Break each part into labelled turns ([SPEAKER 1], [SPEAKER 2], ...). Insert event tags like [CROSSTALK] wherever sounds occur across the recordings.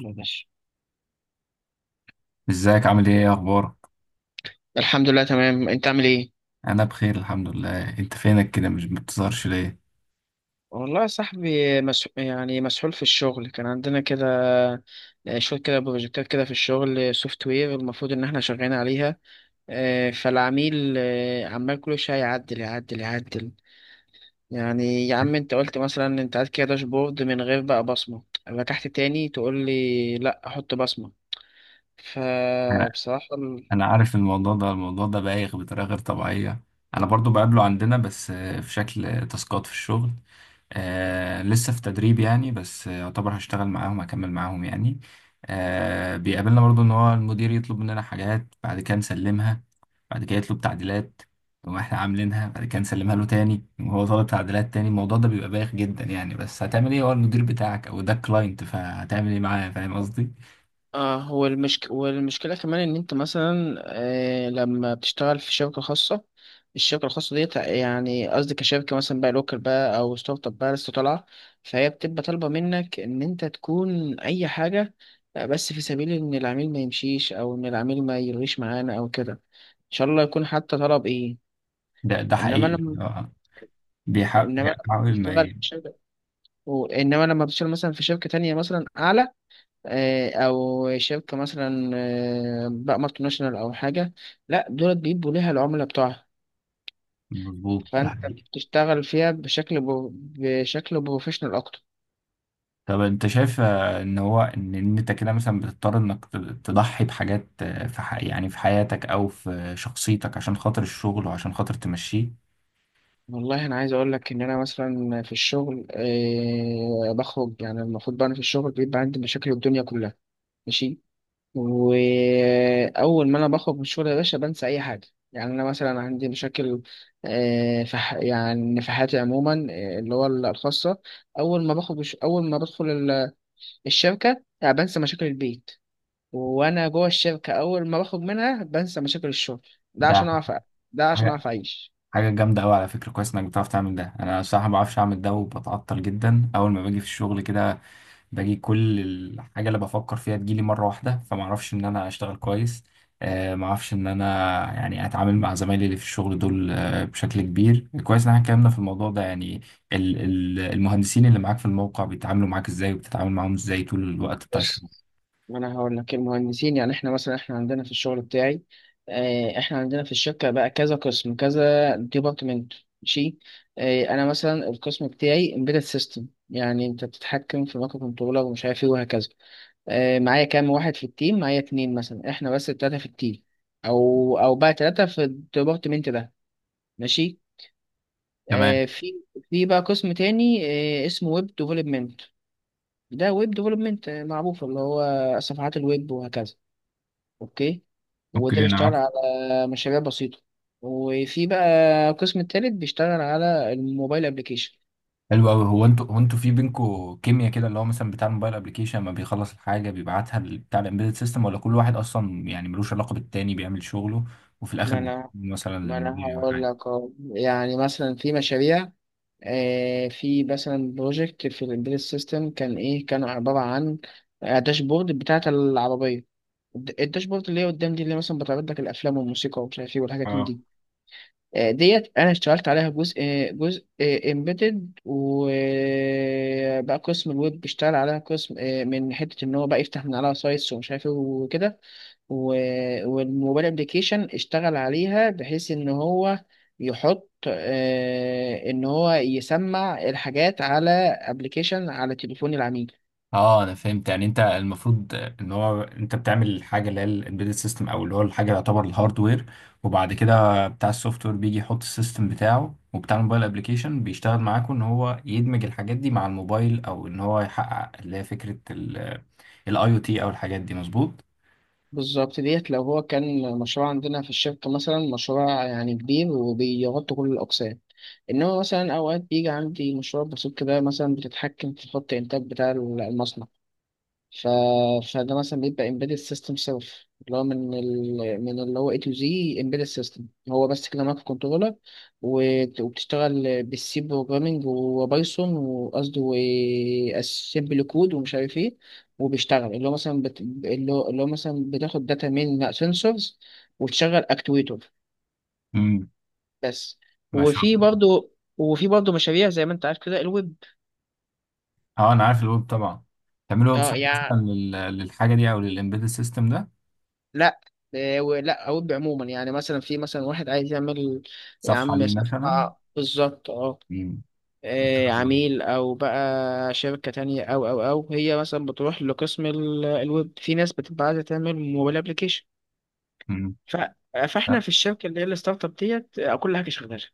[SPEAKER 1] يلا يا باشا.
[SPEAKER 2] ازيك؟ عامل ايه، ايه اخبارك؟
[SPEAKER 1] الحمد لله، تمام. انت عامل ايه؟
[SPEAKER 2] انا بخير، الحمد لله. انت فينك كده؟ مش بتظهرش ليه؟
[SPEAKER 1] والله يا صاحبي يعني مسحول في الشغل كان عندنا كده. شوية كده بروجكتات كده في الشغل سوفت وير المفروض إن احنا شغالين عليها. فالعميل عمال كل شوية يعدل يعدل يعدل. يعني يا عم انت قلت مثلا انت عايز كده داشبورد من غير بقى بصمة، رجعت تاني تقول لي لا احط بصمة،
[SPEAKER 2] انا
[SPEAKER 1] فبصراحة.
[SPEAKER 2] أنا عارف. الموضوع ده بايخ بطريقه غير طبيعيه. انا برضو بقابله عندنا، بس في شكل تاسكات في الشغل. آه لسه في تدريب يعني، بس يعتبر هشتغل معاهم، هكمل معاهم يعني. آه بيقابلنا برضو ان هو المدير يطلب مننا حاجات، بعد كده نسلمها. بعد كده يطلب تعديلات. تقوم احنا عاملينها، بعد كده نسلمها له تاني، وهو طالب تعديلات تاني. الموضوع ده بيبقى بايخ جدا يعني، بس هتعمل ايه؟ هو المدير بتاعك او ده كلاينت، فهتعمل ايه معاه؟ فاهم قصدي؟
[SPEAKER 1] اه هو والمشكلة كمان إن أنت مثلا لما بتشتغل في شركة خاصة، الشركة الخاصة ديت، يعني قصدي كشركة مثلا بقى لوكال، بقى أو ستارت اب بقى لسه طالعة، فهي بتبقى طالبة منك إن أنت تكون أي حاجة، بس في سبيل إن العميل ما يمشيش أو إن العميل ما يلغيش معانا أو كده، إن شاء الله يكون حتى طلب إيه.
[SPEAKER 2] ده
[SPEAKER 1] إنما
[SPEAKER 2] حقيقي،
[SPEAKER 1] لما
[SPEAKER 2] اه. بيحاول
[SPEAKER 1] إنما لما
[SPEAKER 2] بيحاول ما
[SPEAKER 1] بتشتغل في
[SPEAKER 2] ي-
[SPEAKER 1] شركة، إنما لما بتشتغل مثلا في شركة تانية مثلا أعلى، او شركه مثلا بقى مالتي ناشونال او حاجه، لا دول بيبقوا ليها العملاء بتوعها،
[SPEAKER 2] مظبوط، ده
[SPEAKER 1] فانت
[SPEAKER 2] حقيقي.
[SPEAKER 1] بتشتغل فيها بشكل بروفيشنال اكتر.
[SPEAKER 2] طب انت شايف ان هو ان إن انت كده مثلا بتضطر انك تضحي بحاجات، يعني في حياتك او في شخصيتك عشان خاطر الشغل وعشان خاطر تمشيه؟
[SPEAKER 1] والله انا عايز اقول لك ان انا مثلا في الشغل بخرج. يعني المفروض بقى انا في الشغل بيبقى عندي مشاكل الدنيا كلها. ماشي. واول ما انا بخرج من الشغل يا باشا بنسى اي حاجه. يعني انا مثلا عندي مشاكل يعني في حياتي عموما، اللي هو الخاصه. اول ما بدخل الشركه يعني بنسى مشاكل البيت، وانا جوه الشركه اول ما بخرج منها بنسى مشاكل الشغل. ده عشان
[SPEAKER 2] ده
[SPEAKER 1] اعرف ده عشان اعرف اعيش.
[SPEAKER 2] حاجة جامدة أوي على فكرة. كويس إنك بتعرف تعمل ده، أنا الصراحة ما بعرفش أعمل ده وبتعطل جدا أول ما باجي في الشغل كده. باجي كل الحاجة اللي بفكر فيها تجيلي مرة واحدة، فما أعرفش إن أنا أشتغل كويس. ما أعرفش إن أنا يعني أتعامل مع زمايلي اللي في الشغل دول بشكل كبير. كويس إن إحنا اتكلمنا في الموضوع ده يعني. المهندسين اللي معاك في الموقع بيتعاملوا معاك إزاي، وبتتعامل معاهم إزاي طول الوقت بتاع
[SPEAKER 1] بص،
[SPEAKER 2] الشغل؟
[SPEAKER 1] ما انا هقول لك المهندسين، يعني احنا عندنا في الشغل بتاعي، احنا عندنا في الشركه بقى كذا قسم، كذا ديبارتمنت. ماشي. انا مثلا القسم بتاعي امبيدد سيستم، يعني انت بتتحكم في مايكرو كنترولر ومش عارف ايه وهكذا. معايا كام واحد في التيم؟ معايا اتنين، مثلا احنا بس التلاته في التيم، او بقى تلاته في الديبارتمنت ده. ماشي.
[SPEAKER 2] تمام.
[SPEAKER 1] آه، في في بقى قسم تاني، اسمه ويب ديفلوبمنت. ده ويب ديفلوبمنت معروف، اللي هو صفحات الويب وهكذا. اوكي. وده
[SPEAKER 2] اوكي.
[SPEAKER 1] بيشتغل
[SPEAKER 2] انا
[SPEAKER 1] على مشاريع بسيطة. وفي بقى قسم التالت بيشتغل على الموبايل ابلكيشن.
[SPEAKER 2] حلو قوي. هو انتوا في بينكوا كيمياء كده، اللي هو مثلا بتاع الموبايل ابلكيشن لما بيخلص الحاجه بيبعتها بتاع الامبيدد سيستم، ولا كل واحد اصلا يعني ملوش علاقه بالتاني بيعمل شغله، وفي الاخر
[SPEAKER 1] ما
[SPEAKER 2] بيكون
[SPEAKER 1] انا
[SPEAKER 2] مثلا
[SPEAKER 1] ما انا
[SPEAKER 2] المدير او
[SPEAKER 1] هقول لك أهو. يعني مثلا في مشاريع، في مثلا بروجكت في الامبيدد سيستم كان ايه، كان عبارة عن داشبورد بتاعة العربية، الداشبورد اللي هي قدام دي، اللي مثلا بتعرض لك الافلام والموسيقى ومش عارف ايه والحاجات من
[SPEAKER 2] حاجه؟
[SPEAKER 1] دي. ديت انا اشتغلت عليها جزء، جزء امبيدد، وبقى قسم الويب بيشتغل عليها قسم من حته ان هو بقى يفتح من عليها سايتس ومش عارف ايه وكده. والموبايل ابلكيشن اشتغل عليها بحيث ان هو يحط، ان هو يسمع الحاجات على ابلكيشن على تليفون العميل.
[SPEAKER 2] اه، انا فهمت يعني. انت المفروض ان هو انت بتعمل الحاجه اللي هي الامبيدد سيستم، او اللي هو الحاجه اللي يعتبر الهاردوير. وبعد كده بتاع السوفت وير بيجي يحط السيستم بتاعه، وبتاع الموبايل ابلكيشن بيشتغل معاكم ان هو يدمج الحاجات دي مع الموبايل، او ان هو يحقق اللي هي فكره الاي او تي او الحاجات دي. مظبوط؟
[SPEAKER 1] بالظبط ديت لو هو كان مشروع عندنا في الشركة، مثلا مشروع يعني كبير وبيغطي كل الأقسام. إنما مثلا أوقات بيجي عندي مشروع بسيط كده، مثلا بتتحكم في خط الإنتاج بتاع المصنع. ف... فده مثلا بيبقى embedded system سيلف، اللي هو من اللي هو A to Z. Embedded system هو بس كده مايكرو كنترولر، وبتشتغل بالسي بروجرامينج وبايثون، وقصدي واسمبل كود ومش عارف ايه. وبيشتغل اللي هو مثلا بت... اللي هو اللي هو مثلا بتاخد داتا من سنسورز وتشغل اكتويتور.
[SPEAKER 2] امم،
[SPEAKER 1] بس.
[SPEAKER 2] ما شاء
[SPEAKER 1] وفي
[SPEAKER 2] الله.
[SPEAKER 1] برضه وفي برضه مشاريع زي ما انت عارف كده الويب.
[SPEAKER 2] اه، انا عارف الويب طبعا. تعملوا ويب
[SPEAKER 1] اه،
[SPEAKER 2] سايت
[SPEAKER 1] يعني،
[SPEAKER 2] مثلا للحاجه دي، او للامبيدد سيستم ده.
[SPEAKER 1] لا، إيه، ولا اوب عموما، يعني مثلا في، مثلا واحد عايز يعمل، يا
[SPEAKER 2] صفحه
[SPEAKER 1] عم
[SPEAKER 2] ليه مثلا؟
[SPEAKER 1] صفحة بالظبط، اه.
[SPEAKER 2] امم، ما شاء
[SPEAKER 1] إيه،
[SPEAKER 2] الله.
[SPEAKER 1] عميل او بقى شركة تانية، او هي مثلا بتروح لقسم الويب. في ناس بتبقى عايزة تعمل موبايل ابليكيشن.
[SPEAKER 2] امم.
[SPEAKER 1] ف... فاحنا في الشركة اللي هي الستارت اب ديت كل حاجة شغالة.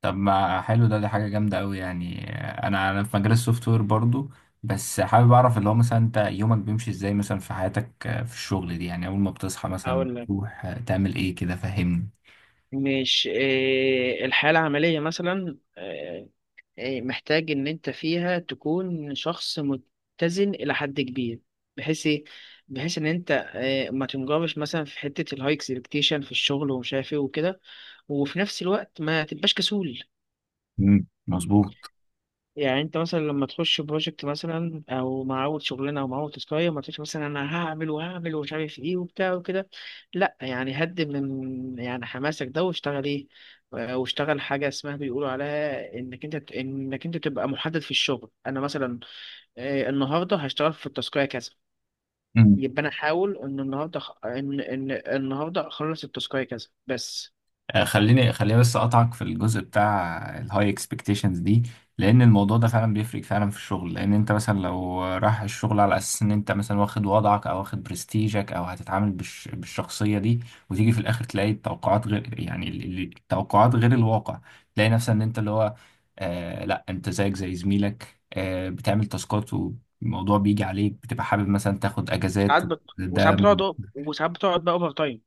[SPEAKER 2] طب ما حلو ده. دي حاجة جامدة أوي يعني، أنا في مجال السوفت وير برضو. بس حابب أعرف اللي هو مثلا أنت يومك بيمشي إزاي مثلا في حياتك، في الشغل دي يعني. أول ما بتصحى مثلا
[SPEAKER 1] هقول لك،
[SPEAKER 2] بتروح تعمل إيه كده؟ فهمني.
[SPEAKER 1] مش إيه، الحياة العملية مثلا إيه، محتاج ان انت فيها تكون شخص متزن الى حد كبير. بحيث ايه؟ بحيث ان انت إيه، ما تنجرش مثلا في حتة الهاي اكسبكتيشن في الشغل ومش عارف ايه وكده، وفي نفس الوقت ما تبقاش كسول.
[SPEAKER 2] مم، مظبوط.
[SPEAKER 1] يعني انت مثلا لما تخش بروجكت مثلا، او مع اول شغلانه، او مع اول تسكايه، ما تقولش مثلا انا هعمل وهعمل ومش عارف ايه وبتاع وكده. لا يعني هد من يعني حماسك ده، واشتغل ايه، واشتغل حاجه اسمها بيقولوا عليها انك انت تبقى محدد في الشغل. انا مثلا النهارده هشتغل في التسكايه كذا، يبقى انا احاول ان النهارده ان النهارده اخلص التسكايه كذا بس.
[SPEAKER 2] خليني خليني بس اقطعك في الجزء بتاع الهاي اكسبكتيشنز دي. لان الموضوع ده فعلا بيفرق فعلا في الشغل. لان انت مثلا لو رايح الشغل على اساس ان انت مثلا واخد وضعك، او واخد برستيجك، او هتتعامل بالشخصيه دي. وتيجي في الاخر تلاقي التوقعات غير يعني التوقعات غير الواقع. تلاقي نفسك ان انت اللي هو، آه لا انت زيك زي زميلك بتعمل تاسكات، والموضوع بيجي عليك بتبقى حابب مثلا تاخد اجازات
[SPEAKER 1] ساعات بت...
[SPEAKER 2] ده.
[SPEAKER 1] وساعات بتقعد وساعات بتقعد بقى اوفر تايم.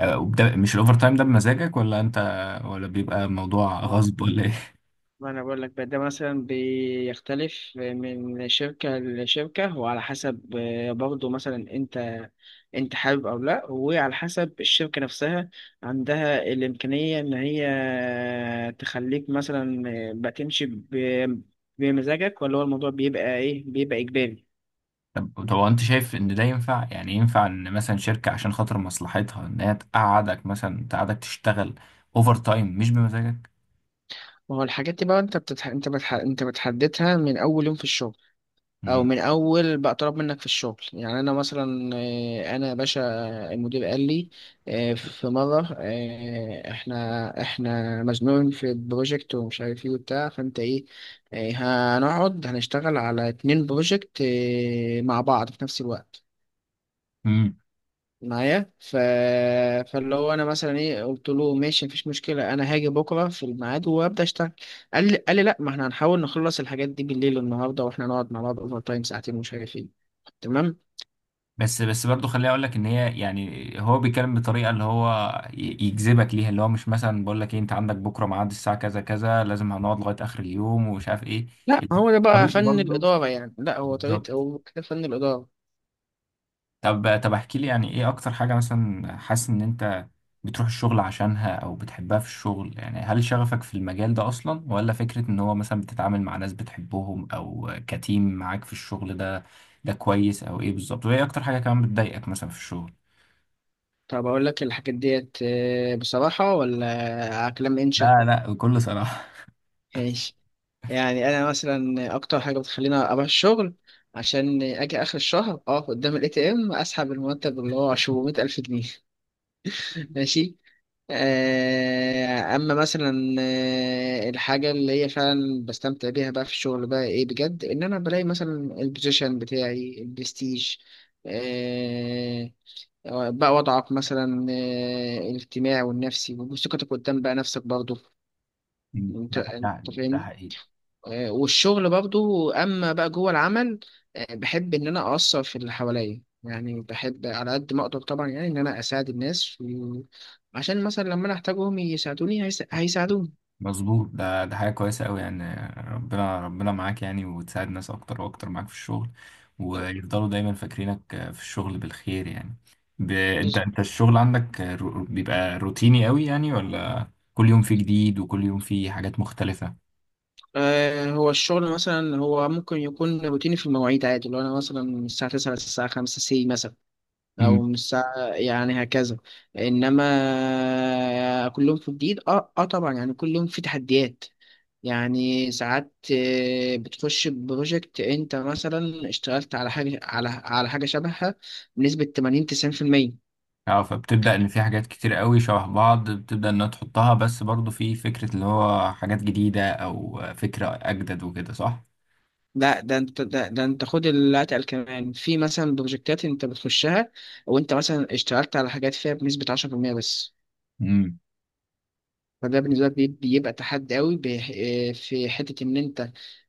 [SPEAKER 2] وبدا مش الاوفر تايم ده بمزاجك، ولا انت، ولا بيبقى موضوع غصب، ولا ايه؟
[SPEAKER 1] ما انا بقول لك بقى ده مثلا بيختلف من شركة لشركة، وعلى حسب برضه مثلا انت، انت حابب او لا، وعلى حسب الشركة نفسها عندها الامكانية ان هي تخليك مثلا بتمشي ب- بمزاجك، ولا هو الموضوع بيبقى ايه، بيبقى اجباري.
[SPEAKER 2] [LAUGHS] طب طب، هو انت شايف ان ده ينفع؟ يعني ينفع ان مثلا شركة عشان خاطر مصلحتها ان هي تقعدك مثلا تقعدك تشتغل اوفر تايم مش بمزاجك؟
[SPEAKER 1] ما هو الحاجات دي بقى انت بتحددها من اول يوم في الشغل، او
[SPEAKER 2] مم.
[SPEAKER 1] من اول بقى طلب منك في الشغل. يعني انا مثلا آه، انا يا باشا المدير قال لي في مره، احنا مزنوقين في البروجكت ومش عارف ايه وبتاع، فانت ايه آه، هنقعد هنشتغل على اتنين بروجكت مع بعض في نفس الوقت
[SPEAKER 2] مم.
[SPEAKER 1] معايا. فاللي هو انا مثلا ايه قلت له ماشي مفيش مشكله، انا هاجي بكره في الميعاد وابدا اشتغل. قال لي لا، ما احنا هنحاول نخلص الحاجات دي بالليل النهارده واحنا نقعد مع بعض اوفر تايم ساعتين ومش عارف ايه. تمام.
[SPEAKER 2] بس بس برضه، خليني اقول لك ان هي يعني هو بيتكلم بطريقه اللي هو ي- يجذبك ليها، اللي هو مش مثلا بقول لك ايه، انت عندك بكره ميعاد الساعه كذا كذا، لازم هنقعد لغايه اخر اليوم ومش عارف ايه.
[SPEAKER 1] لا هو ده بقى
[SPEAKER 2] الطريقه
[SPEAKER 1] فن
[SPEAKER 2] برضه.
[SPEAKER 1] الاداره، يعني لا هو طريقه،
[SPEAKER 2] بالظبط.
[SPEAKER 1] هو كده فن الاداره.
[SPEAKER 2] طب طب، احكي لي يعني ايه اكتر حاجة مثلا حاسس ان انت بتروح الشغل عشانها او بتحبها في الشغل؟ يعني هل شغفك في المجال ده اصلا، ولا فكرة ان هو مثلا بتتعامل مع ناس بتحبهم او كتيم معاك في الشغل ده؟ ده كويس؟ او ايه بالظبط؟ وايه اكتر حاجة كمان بتضايقك مثلا في الشغل؟
[SPEAKER 1] طب اقول لك الحاجات ديت بصراحه، ولا على كلام انشا.
[SPEAKER 2] لا لا، بكل صراحة.
[SPEAKER 1] ماشي. يعني انا مثلا اكتر حاجه بتخليني اروح الشغل عشان اجي اخر الشهر اقف قدام الاي تي ام اسحب المرتب اللي هو 700 الف جنيه [LAUGHS] ماشي. اما مثلا الحاجه اللي هي فعلا بستمتع بيها بقى في الشغل بقى ايه، بجد، ان انا بلاقي مثلا البوزيشن بتاعي، البرستيج، آه، بقى وضعك مثلا الاجتماعي والنفسي، وثقتك قدام بقى نفسك برضه،
[SPEAKER 2] مم.
[SPEAKER 1] انت
[SPEAKER 2] ده
[SPEAKER 1] انت
[SPEAKER 2] ده ده
[SPEAKER 1] فاهمني.
[SPEAKER 2] حقيقي.
[SPEAKER 1] والشغل برضو اما بقى جوه العمل بحب ان انا اثر في اللي حواليا. يعني بحب على قد ما اقدر طبعا، يعني ان انا اساعد الناس عشان مثلا لما انا احتاجهم يساعدوني، هيساعدوني.
[SPEAKER 2] مظبوط، ده حاجة كويسة أوي يعني. ربنا ربنا معاك يعني، وتساعد ناس أكتر وأكتر معاك في الشغل. ويفضلوا دايما فاكرينك في الشغل بالخير يعني. أنت
[SPEAKER 1] بز-
[SPEAKER 2] أنت الشغل عندك بيبقى روتيني أوي يعني، ولا كل يوم فيه جديد وكل يوم فيه حاجات مختلفة؟
[SPEAKER 1] هو الشغل مثلا هو ممكن يكون روتيني في المواعيد، عادي، لو انا مثلا من الساعة 9 للساعة 5 سي مثلا، او
[SPEAKER 2] امم،
[SPEAKER 1] من الساعة يعني هكذا. انما كل يوم في جديد، اه اه طبعا، يعني كل يوم في تحديات. يعني ساعات بتخش ببروجكت انت مثلا اشتغلت على حاجة شبهها بنسبة 80 90%.
[SPEAKER 2] اه، فبتبدأ إن في حاجات كتير أوي شبه بعض، بتبدأ إنها تحطها، بس برضه في فكرة اللي هو حاجات جديدة أو فكرة أجدد وكده، صح؟
[SPEAKER 1] لا ده انت خد اللي اتقل كمان. في مثلا بروجكتات انت بتخشها وانت مثلا اشتغلت على حاجات فيها بنسبة 10% بس.
[SPEAKER 2] امم
[SPEAKER 1] فده بالنسبة لك بيبقى تحدي قوي، في حتة ان انت،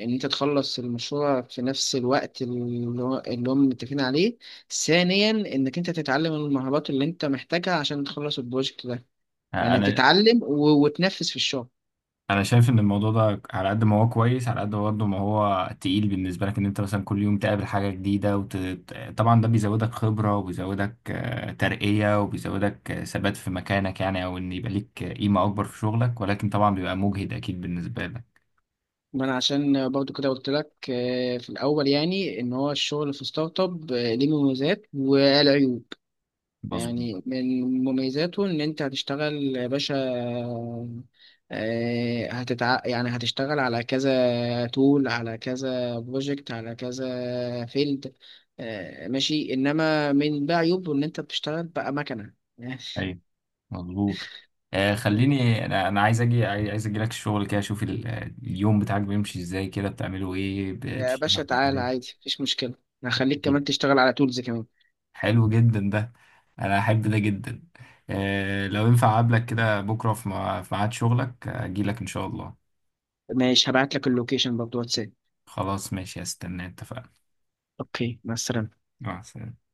[SPEAKER 1] ان انت تخلص المشروع في نفس الوقت اللي هم متفقين عليه، ثانيا انك انت تتعلم المهارات اللي انت محتاجها عشان تخلص البروجكت ده. يعني
[SPEAKER 2] انا
[SPEAKER 1] بتتعلم وتنفذ في الشغل.
[SPEAKER 2] انا شايف ان الموضوع ده على قد ما هو كويس، على قد برضه ما هو تقيل بالنسبه لك ان انت مثلا كل يوم تقابل حاجه جديده طبعا ده بيزودك خبره، وبيزودك ترقيه، وبيزودك ثبات في مكانك يعني، او ان يبقى ليك قيمه اكبر في شغلك. ولكن طبعا بيبقى مجهد اكيد بالنسبه لك.
[SPEAKER 1] ما انا عشان برضو كده قلت لك في الاول يعني ان هو الشغل في ستارت اب ليه مميزات والعيوب.
[SPEAKER 2] مظبوط.
[SPEAKER 1] يعني من مميزاته ان انت هتشتغل يا باشا، يعني هتشتغل على كذا تول، على كذا بروجكت، على كذا فيلد. ماشي، انما من بقى عيوبه ان انت بتشتغل بقى مكنه [LAUGHS]
[SPEAKER 2] ايوه مظبوط. خليني انا عايز اجي، عايز اجي لك الشغل كده اشوف اليوم بتاعك بيمشي ازاي كده، بتعملوا ايه؟
[SPEAKER 1] يا باشا
[SPEAKER 2] بتشتغل
[SPEAKER 1] تعالى،
[SPEAKER 2] ازاي؟
[SPEAKER 1] عادي، مفيش مشكلة. هخليك كمان تشتغل على تولز كمان.
[SPEAKER 2] حلو جدا ده. انا احب ده جدا. لو ينفع اقابلك كده بكره في في ميعاد شغلك اجي لك ان شاء الله.
[SPEAKER 1] ماشي، هبعت لك اللوكيشن برضه واتساب.
[SPEAKER 2] خلاص، ماشي. هستنى، اتفقنا.
[SPEAKER 1] اوكي، مع السلامة.
[SPEAKER 2] مع السلامه.